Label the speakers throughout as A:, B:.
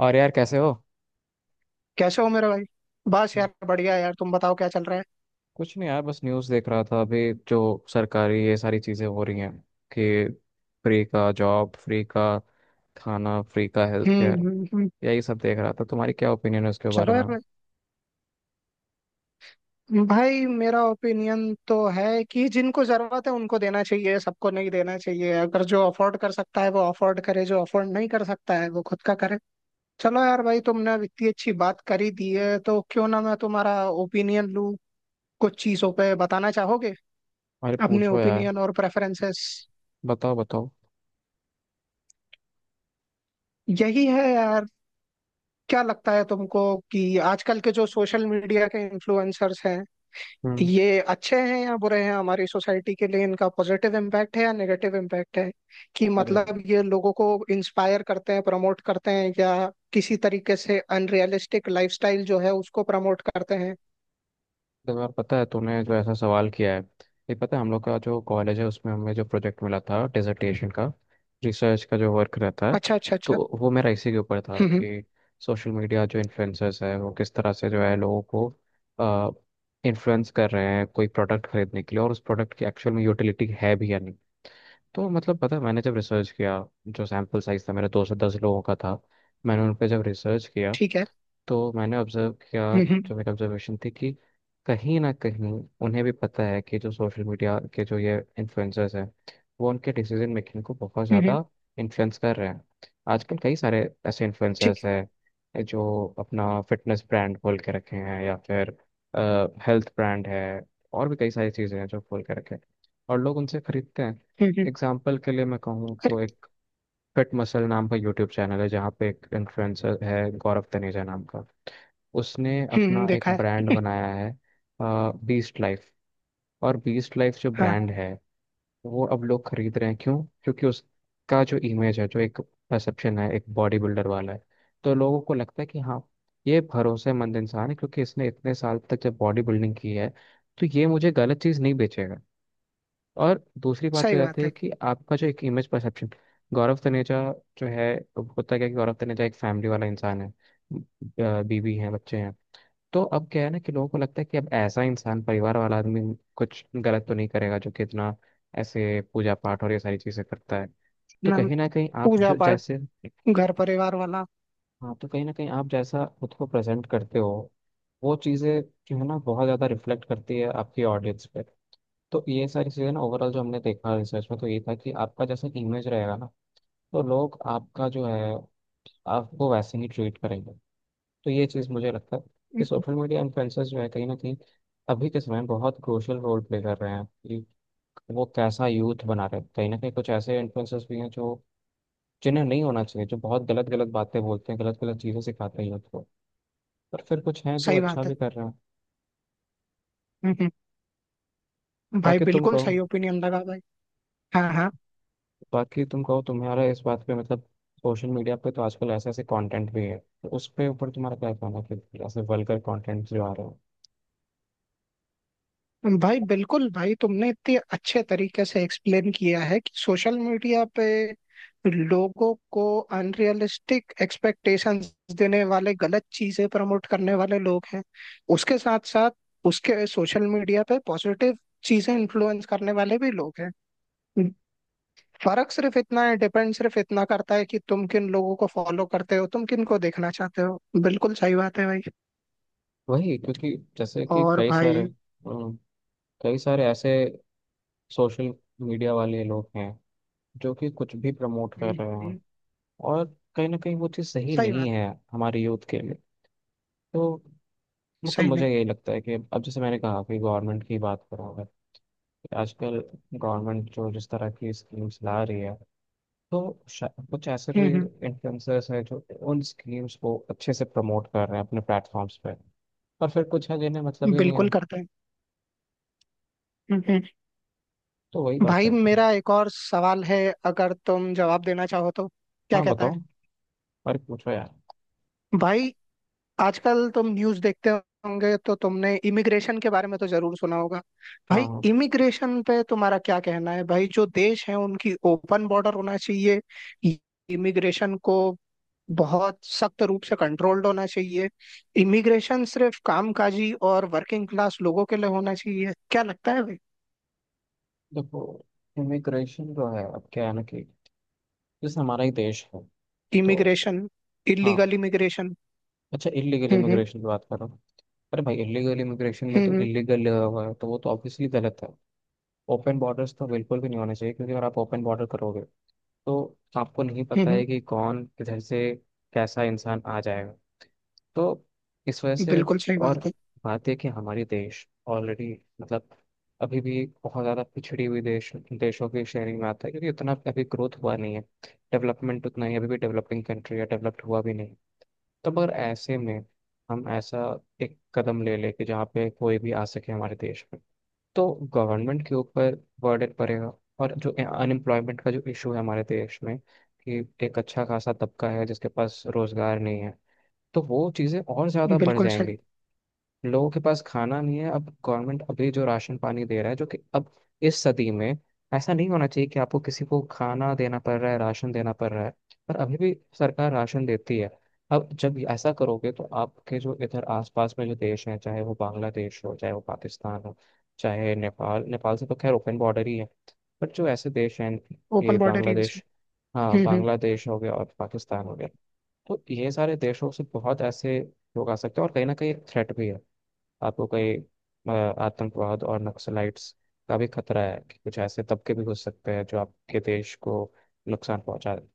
A: और यार कैसे हो।
B: कैसे हो मेरे भाई। बस यार बढ़िया। यार तुम बताओ क्या चल रहा है।
A: कुछ नहीं यार, बस न्यूज़ देख रहा था अभी, जो सरकारी ये सारी चीज़ें हो रही हैं कि फ्री का जॉब, फ्री का खाना, फ्री का health
B: hmm
A: care.
B: Hmm hmm.
A: यही सब देख रहा था। तुम्हारी क्या ओपिनियन है उसके बारे
B: चलो
A: में?
B: यार भाई। भाई, मेरा ओपिनियन तो है कि जिनको जरूरत है उनको देना चाहिए, सबको नहीं देना चाहिए। अगर जो अफोर्ड कर सकता है वो अफोर्ड करे, जो अफोर्ड नहीं कर सकता है वो खुद का करे। चलो यार भाई, तुमने अब इतनी अच्छी बात करी दी है तो क्यों ना मैं तुम्हारा ओपिनियन लूँ। कुछ चीजों पे बताना चाहोगे
A: अरे
B: अपने
A: पूछो यार।
B: ओपिनियन और प्रेफरेंसेस।
A: बताओ बताओ।
B: यही है यार। क्या लगता है तुमको कि आजकल के जो सोशल मीडिया के इन्फ्लुएंसर्स हैं,
A: हम्म।
B: ये अच्छे हैं या बुरे हैं हमारी सोसाइटी के लिए? इनका पॉजिटिव इम्पैक्ट है या नेगेटिव इम्पैक्ट है? कि
A: अरे
B: मतलब ये लोगों को इंस्पायर करते हैं, प्रमोट करते हैं, या किसी तरीके से अनरियलिस्टिक लाइफस्टाइल जो है उसको प्रमोट करते हैं।
A: इस बार पता है तूने जो ऐसा सवाल किया है, ये पता है हम लोग का जो कॉलेज है उसमें हमें जो प्रोजेक्ट मिला था डिसर्टेशन का, रिसर्च का जो वर्क रहता है,
B: अच्छा अच्छा
A: तो
B: अच्छा।
A: वो मेरा इसी के ऊपर था
B: हम्म हम्म,
A: कि सोशल मीडिया जो इन्फ्लुएंसर्स है वो किस तरह से जो है लोगों को इन्फ्लुएंस कर रहे हैं कोई प्रोडक्ट खरीदने के लिए, और उस प्रोडक्ट की एक्चुअल में यूटिलिटी है भी या नहीं। तो मतलब पता है मैंने जब रिसर्च किया, जो सैम्पल साइज था मेरा 210 लोगों का था, मैंने उन पर जब रिसर्च किया
B: ठीक है।
A: तो मैंने ऑब्जर्व किया।
B: हम्म हम्म
A: जो मेरी ऑब्जर्वेशन थी कि कहीं ना कहीं उन्हें भी पता है कि जो सोशल मीडिया के जो ये इन्फ्लुएंसर्स हैं वो उनके डिसीजन मेकिंग को बहुत
B: हम्म, हम्म,
A: ज़्यादा इन्फ्लुएंस कर रहे हैं। आजकल कई सारे ऐसे
B: ठीक
A: इन्फ्लुएंसर्स
B: है।
A: हैं जो अपना फिटनेस ब्रांड खोल के रखे हैं या फिर हेल्थ ब्रांड है, और भी कई सारी चीज़ें हैं जो खोल के रखे हैं, और लोग उनसे खरीदते हैं।
B: हम्म।
A: एग्जाम्पल के लिए मैं कहूँ
B: अरे।
A: तो एक फिट मसल नाम का यूट्यूब चैनल है जहाँ पे एक इन्फ्लुएंसर है गौरव तनेजा नाम का, उसने अपना एक
B: देखा है।
A: ब्रांड बनाया है, बीस्ट लाइफ। और बीस्ट लाइफ जो
B: हाँ।
A: ब्रांड है वो अब लोग खरीद रहे हैं, क्यों? क्योंकि उसका जो इमेज है, जो एक परसेप्शन है, एक बॉडी बिल्डर वाला है। तो लोगों को लगता है कि हाँ, ये भरोसेमंद इंसान है क्योंकि इसने इतने साल तक जब बॉडी बिल्डिंग की है तो ये मुझे गलत चीज़ नहीं बेचेगा। और दूसरी बात
B: सही
A: पे जाती
B: बात
A: है
B: है।
A: कि आपका जो एक इमेज परसेप्शन, गौरव तनेजा जो है, होता क्या है कि गौरव तनेजा एक फैमिली वाला इंसान है, बीवी है बच्चे हैं। तो अब क्या है ना कि लोगों को लगता है कि अब ऐसा इंसान, परिवार वाला आदमी, कुछ गलत तो नहीं करेगा, जो कि इतना ऐसे पूजा पाठ और ये सारी चीजें करता है। तो
B: ना,
A: कहीं ना कहीं आप
B: पूजा
A: जो
B: पाठ,
A: जैसे
B: घर परिवार वाला।
A: हाँ, तो कहीं ना कहीं आप जैसा खुद को प्रेजेंट करते हो वो चीजें जो है ना बहुत ज्यादा रिफ्लेक्ट करती है आपकी ऑडियंस पे। तो ये सारी चीजें ना ओवरऑल जो हमने देखा रिसर्च में तो ये था कि आपका जैसा इमेज रहेगा ना, तो लोग आपका जो है, आपको वैसे ही ट्रीट करेंगे। तो ये चीज़ मुझे लगता है कि
B: हम्म,
A: सोशल मीडिया इन्फ्लुएंसर्स जो है कहीं ना कहीं अभी के समय में बहुत क्रूशल रोल प्ले कर रहे हैं कि वो कैसा यूथ बना रहे हैं। कहीं ना कहीं कुछ ऐसे इन्फ्लुएंसर्स भी हैं जो, जिन्हें नहीं होना चाहिए, जो बहुत गलत गलत बातें बोलते हैं, गलत गलत चीज़ें सिखाते हैं यूथ को, पर फिर कुछ हैं जो
B: सही
A: अच्छा
B: बात। है
A: भी कर रहे हैं।
B: हम्म भाई
A: बाकी तुम
B: बिल्कुल
A: कहो।
B: सही ओपिनियन लगा भाई। हाँ हाँ।
A: बाकी तुम कहो तुम्हारा इस बात पे मतलब, सोशल मीडिया पे तो आजकल ऐसे ऐसे कंटेंट भी है, तो उस पे ऊपर तुम्हारा क्या कहना है कि ऐसे वल्गर कंटेंट जो आ रहे हैं?
B: भाई बिल्कुल भाई, तुमने इतने अच्छे तरीके से एक्सप्लेन किया है कि सोशल मीडिया पे लोगों को अनरियलिस्टिक एक्सपेक्टेशंस देने वाले, गलत चीजें प्रमोट करने वाले लोग हैं। उसके साथ साथ उसके सोशल मीडिया पे पॉजिटिव चीजें इन्फ्लुएंस करने वाले भी लोग हैं। फर्क सिर्फ इतना है, डिपेंड सिर्फ इतना करता है कि तुम किन लोगों को फॉलो करते हो, तुम किन को देखना चाहते हो। बिल्कुल सही बात है भाई।
A: वही क्योंकि जैसे कि
B: और
A: कई सारे
B: भाई।
A: कई सारे ऐसे सोशल मीडिया वाले लोग हैं जो कि कुछ भी प्रमोट कर
B: हम्म,
A: रहे हैं,
B: हम्म,
A: और कहीं ना कहीं वो चीज़ सही
B: सही
A: नहीं
B: बात।
A: है हमारे यूथ के लिए। तो मतलब
B: सही नहीं।
A: मुझे यही लगता है कि अब जैसे मैंने कहा कि गवर्नमेंट की बात करूँ अगर, कि आजकल गवर्नमेंट जो जिस तरह की स्कीम्स ला रही है तो कुछ ऐसे भी
B: हम्म
A: इन्फ्लुएंसर्स हैं जो उन स्कीम्स को अच्छे से प्रमोट कर रहे हैं अपने प्लेटफॉर्म्स पे, और फिर कुछ है जिन्हें मतलब ही नहीं है।
B: बिल्कुल करता है। हम्म।
A: तो वही बात है।
B: भाई मेरा एक और सवाल है, अगर तुम जवाब देना चाहो तो। क्या
A: हाँ
B: कहता है?
A: बताओ, और पूछो यार।
B: भाई, आजकल तुम न्यूज़ देखते होंगे तो तुमने इमिग्रेशन के बारे में तो जरूर सुना होगा।
A: हाँ
B: भाई,
A: हाँ।
B: इमिग्रेशन पे तुम्हारा क्या कहना है भाई? जो देश हैं उनकी ओपन बॉर्डर होना चाहिए? इमिग्रेशन को बहुत सख्त रूप से कंट्रोल्ड होना चाहिए? इमिग्रेशन सिर्फ कामकाजी और वर्किंग क्लास लोगों के लिए होना चाहिए? क्या लगता है भाई?
A: देखो इमिग्रेशन जो है अब क्या है ना कि जैसे हमारा ही देश है, तो
B: इमिग्रेशन।
A: हाँ।
B: Illegal immigration.
A: अच्छा इलीगल
B: हम्म।
A: इमिग्रेशन की बात कर रहा हूँ। अरे भाई इलीगल इमिग्रेशन में तो
B: हम्म, हम्म।
A: इलीगल लगा हुआ है तो वो तो ऑब्वियसली गलत है। ओपन बॉर्डर्स तो बिल्कुल भी नहीं होने चाहिए क्योंकि अगर आप ओपन बॉर्डर करोगे तो आपको नहीं
B: हम्म
A: पता है
B: हम्म,
A: कि कौन किधर से कैसा इंसान आ जाएगा। तो इस वजह से,
B: बिल्कुल सही
A: और
B: बात है।
A: बात है कि हमारे देश ऑलरेडी मतलब अभी भी बहुत ज़्यादा पिछड़ी हुई देश, देशों की श्रेणी में आता है क्योंकि उतना अभी ग्रोथ हुआ नहीं है, डेवलपमेंट उतना ही, अभी भी डेवलपिंग कंट्री है डेवलप्ड हुआ भी नहीं। तो मगर ऐसे में हम ऐसा एक कदम ले ले कि जहाँ पे कोई भी आ सके हमारे देश में तो गवर्नमेंट के ऊपर बर्डन पड़ेगा। और जो अनएम्प्लॉयमेंट का जो इशू है हमारे देश में कि एक अच्छा खासा तबका है जिसके पास रोजगार नहीं है, तो वो चीज़ें और ज़्यादा बढ़
B: बिल्कुल सही।
A: जाएंगी। लोगों के पास खाना नहीं है, अब गवर्नमेंट अभी जो राशन पानी दे रहा है, जो कि अब इस सदी में ऐसा नहीं होना चाहिए कि आपको किसी को खाना देना पड़ रहा है, राशन देना पड़ रहा है, पर अभी भी सरकार राशन देती है। अब जब ऐसा करोगे तो आपके जो इधर आसपास में जो देश हैं, चाहे वो बांग्लादेश हो चाहे वो पाकिस्तान हो, चाहे नेपाल, नेपाल से तो खैर ओपन बॉर्डर ही है, पर जो ऐसे देश हैं, ये
B: ओपन बॉर्डर यूज
A: बांग्लादेश, हाँ
B: है। हम्म।
A: बांग्लादेश हो गया और पाकिस्तान हो गया, तो ये सारे देशों से बहुत ऐसे लोग आ सकते हैं, और कहीं ना कहीं थ्रेट भी है आपको कहीं, अ, आतंकवाद और नक्सलाइट्स का भी खतरा है कि कुछ ऐसे तबके भी घुस सकते हैं जो आपके देश को नुकसान पहुंचा दें।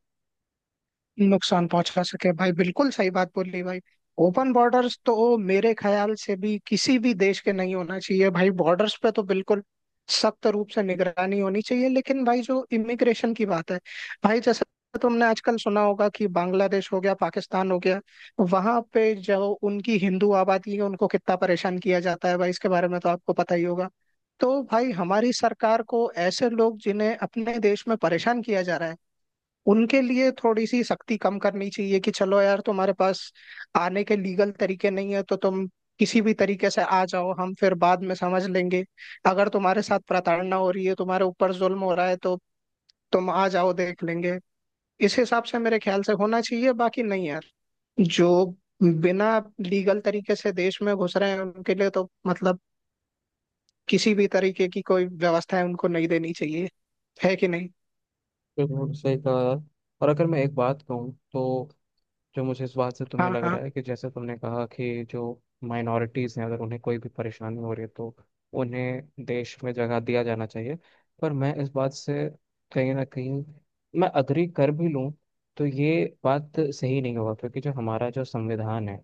B: नुकसान पहुंचा सके। भाई बिल्कुल सही बात बोली भाई। ओपन बॉर्डर्स तो मेरे ख्याल से भी किसी भी देश के नहीं होना चाहिए भाई। बॉर्डर्स पे तो बिल्कुल सख्त रूप से निगरानी होनी चाहिए। लेकिन भाई जो इमिग्रेशन की बात है भाई, जैसे तुमने आजकल सुना होगा कि बांग्लादेश हो गया, पाकिस्तान हो गया, वहां पे जो उनकी हिंदू आबादी है उनको कितना परेशान किया जाता है भाई, इसके बारे में तो आपको पता ही होगा। तो भाई, हमारी सरकार को ऐसे लोग जिन्हें अपने देश में परेशान किया जा रहा है, उनके लिए थोड़ी सी सख्ती कम करनी चाहिए कि चलो यार, तुम्हारे पास आने के लीगल तरीके नहीं है तो तुम किसी भी तरीके से आ जाओ, हम फिर बाद में समझ लेंगे। अगर तुम्हारे साथ प्रताड़ना हो रही है, तुम्हारे ऊपर जुल्म हो रहा है, तो तुम आ जाओ, देख लेंगे। इस हिसाब से मेरे ख्याल से होना चाहिए, बाकी नहीं यार। जो बिना लीगल तरीके से देश में घुस रहे हैं उनके लिए तो मतलब किसी भी तरीके की कोई व्यवस्था है उनको नहीं देनी चाहिए। है कि नहीं?
A: बिल्कुल सही कहा यार। और अगर मैं एक बात कहूँ तो, जो मुझे इस बात से तुम्हें
B: हाँ
A: लग
B: हाँ।
A: रहा है कि जैसे तुमने कहा कि जो माइनॉरिटीज़ हैं अगर उन्हें कोई भी परेशानी हो रही है तो उन्हें देश में जगह दिया जाना चाहिए, पर मैं इस बात से कहीं ना कहीं मैं अग्री कर भी लूँ, तो ये बात सही नहीं होगा क्योंकि जो हमारा जो संविधान है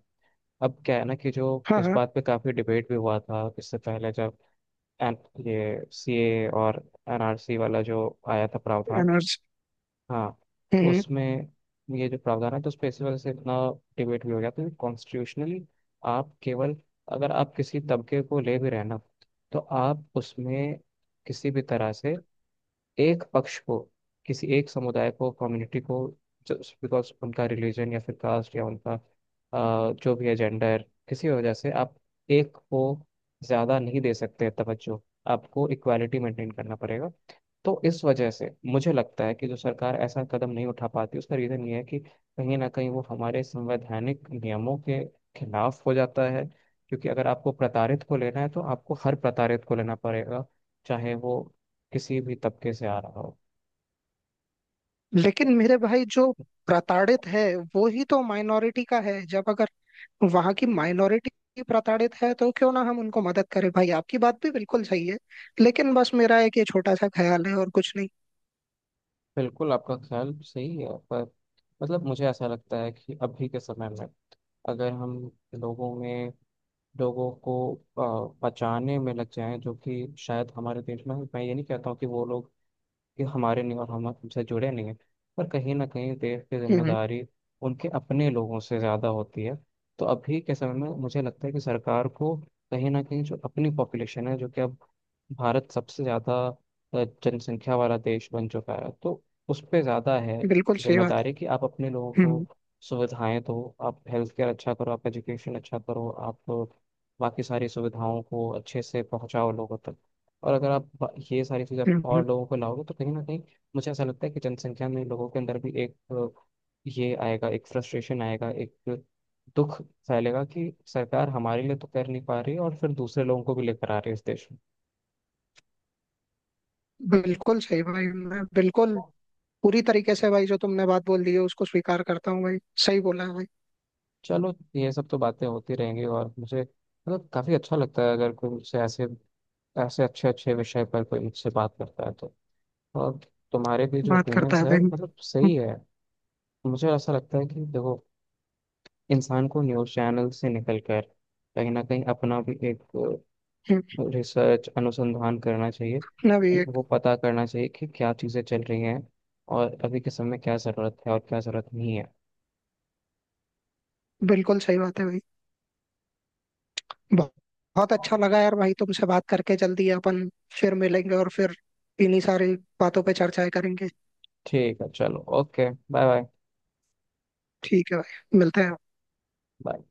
A: अब क्या है ना, कि जो
B: हाँ
A: इस
B: हाँ।
A: बात पे काफ़ी डिबेट भी हुआ था इससे पहले जब एन, ये सीए और एनआरसी वाला जो आया था प्रावधान,
B: एनर्जी।
A: हाँ।
B: हम्म,
A: तो
B: हम्म।
A: उसमें ये जो प्रावधान है तो उसपे इसी वजह से इतना डिबेट भी हो गया, तो कॉन्स्टिट्यूशनली आप केवल, अगर आप किसी तबके को ले भी रहे हैं ना तो आप उसमें किसी भी तरह से एक पक्ष को, किसी एक समुदाय को, कम्युनिटी को, जस्ट बिकॉज उनका रिलीजन या फिर कास्ट या उनका जो भी है जेंडर, किसी वजह से आप एक को ज़्यादा नहीं दे सकते तवज्जो, आपको इक्वालिटी मेंटेन करना पड़ेगा। तो इस वजह से मुझे लगता है कि जो सरकार ऐसा कदम नहीं उठा पाती उसका रीजन ये है कि कहीं ना कहीं वो हमारे संवैधानिक नियमों के खिलाफ हो जाता है, क्योंकि अगर आपको प्रताड़ित को लेना है तो आपको हर प्रताड़ित को लेना पड़ेगा, चाहे वो किसी भी तबके से आ रहा हो।
B: लेकिन मेरे भाई, जो प्रताड़ित है वो ही तो माइनॉरिटी का है। जब अगर वहां की माइनॉरिटी प्रताड़ित है तो क्यों ना हम उनको मदद करें भाई। आपकी बात भी बिल्कुल सही है, लेकिन बस मेरा एक ये छोटा सा ख्याल है और कुछ नहीं।
A: बिल्कुल आपका ख्याल सही है, पर मतलब मुझे ऐसा लगता है कि अभी के समय में अगर हम लोगों में, लोगों को बचाने में लग जाएं, जो कि शायद हमारे देश में, मैं ये नहीं कहता हूँ कि वो लोग कि हमारे नहीं और हम हमसे जुड़े नहीं हैं, पर कहीं ना कहीं देश की
B: हम्म।
A: जिम्मेदारी उनके अपने लोगों से ज़्यादा होती है। तो अभी के समय में मुझे लगता है कि सरकार को कहीं ना कहीं, जो अपनी पॉपुलेशन है जो कि अब भारत सबसे ज़्यादा जनसंख्या वाला देश बन चुका है, तो उस पर ज़्यादा है
B: बिल्कुल सही बात
A: जिम्मेदारी कि आप अपने लोगों
B: है।
A: को सुविधाएं दो, आप हेल्थ केयर अच्छा करो, आप एजुकेशन अच्छा करो, आप बाकी सारी सुविधाओं को अच्छे से पहुंचाओ लोगों तक। और अगर आप ये सारी चीज़ आप
B: हम्म।
A: और लोगों को लाओगे तो कहीं ना कहीं मुझे ऐसा लगता है कि जनसंख्या में, लोगों के अंदर भी एक ये आएगा, एक फ्रस्ट्रेशन आएगा, एक दुख फैलेगा कि सरकार हमारे लिए तो कर नहीं पा रही और फिर दूसरे लोगों को भी लेकर आ रही है इस देश में।
B: बिल्कुल सही भाई, मैं बिल्कुल पूरी तरीके से भाई जो तुमने बात बोल दी है उसको स्वीकार करता हूँ भाई। सही बोला है भाई।
A: चलो ये सब तो बातें होती रहेंगी, और मुझे मतलब काफ़ी अच्छा लगता है अगर कोई मुझसे ऐसे ऐसे अच्छे अच्छे विषय पर कोई मुझसे बात करता है तो, और तुम्हारे भी जो
B: बात करता
A: ओपिनियंस
B: है
A: है
B: भाई।
A: मतलब सही है। मुझे ऐसा लगता है कि देखो इंसान को न्यूज़ चैनल से निकल कर कहीं ना कहीं अपना भी एक
B: हम्म,
A: रिसर्च अनुसंधान करना चाहिए,
B: ना भी
A: कि
B: एक।
A: वो पता करना चाहिए कि क्या चीज़ें चल रही हैं और अभी के समय में क्या ज़रूरत है और क्या ज़रूरत नहीं है।
B: बिल्कुल सही बात है भाई। ब- बहुत अच्छा लगा यार भाई तुमसे बात करके। जल्दी अपन फिर मिलेंगे और फिर इन्हीं सारी बातों पे चर्चाएं करेंगे।
A: ठीक है, चलो ओके, बाय।
B: ठीक है भाई, मिलते हैं।
A: बाय।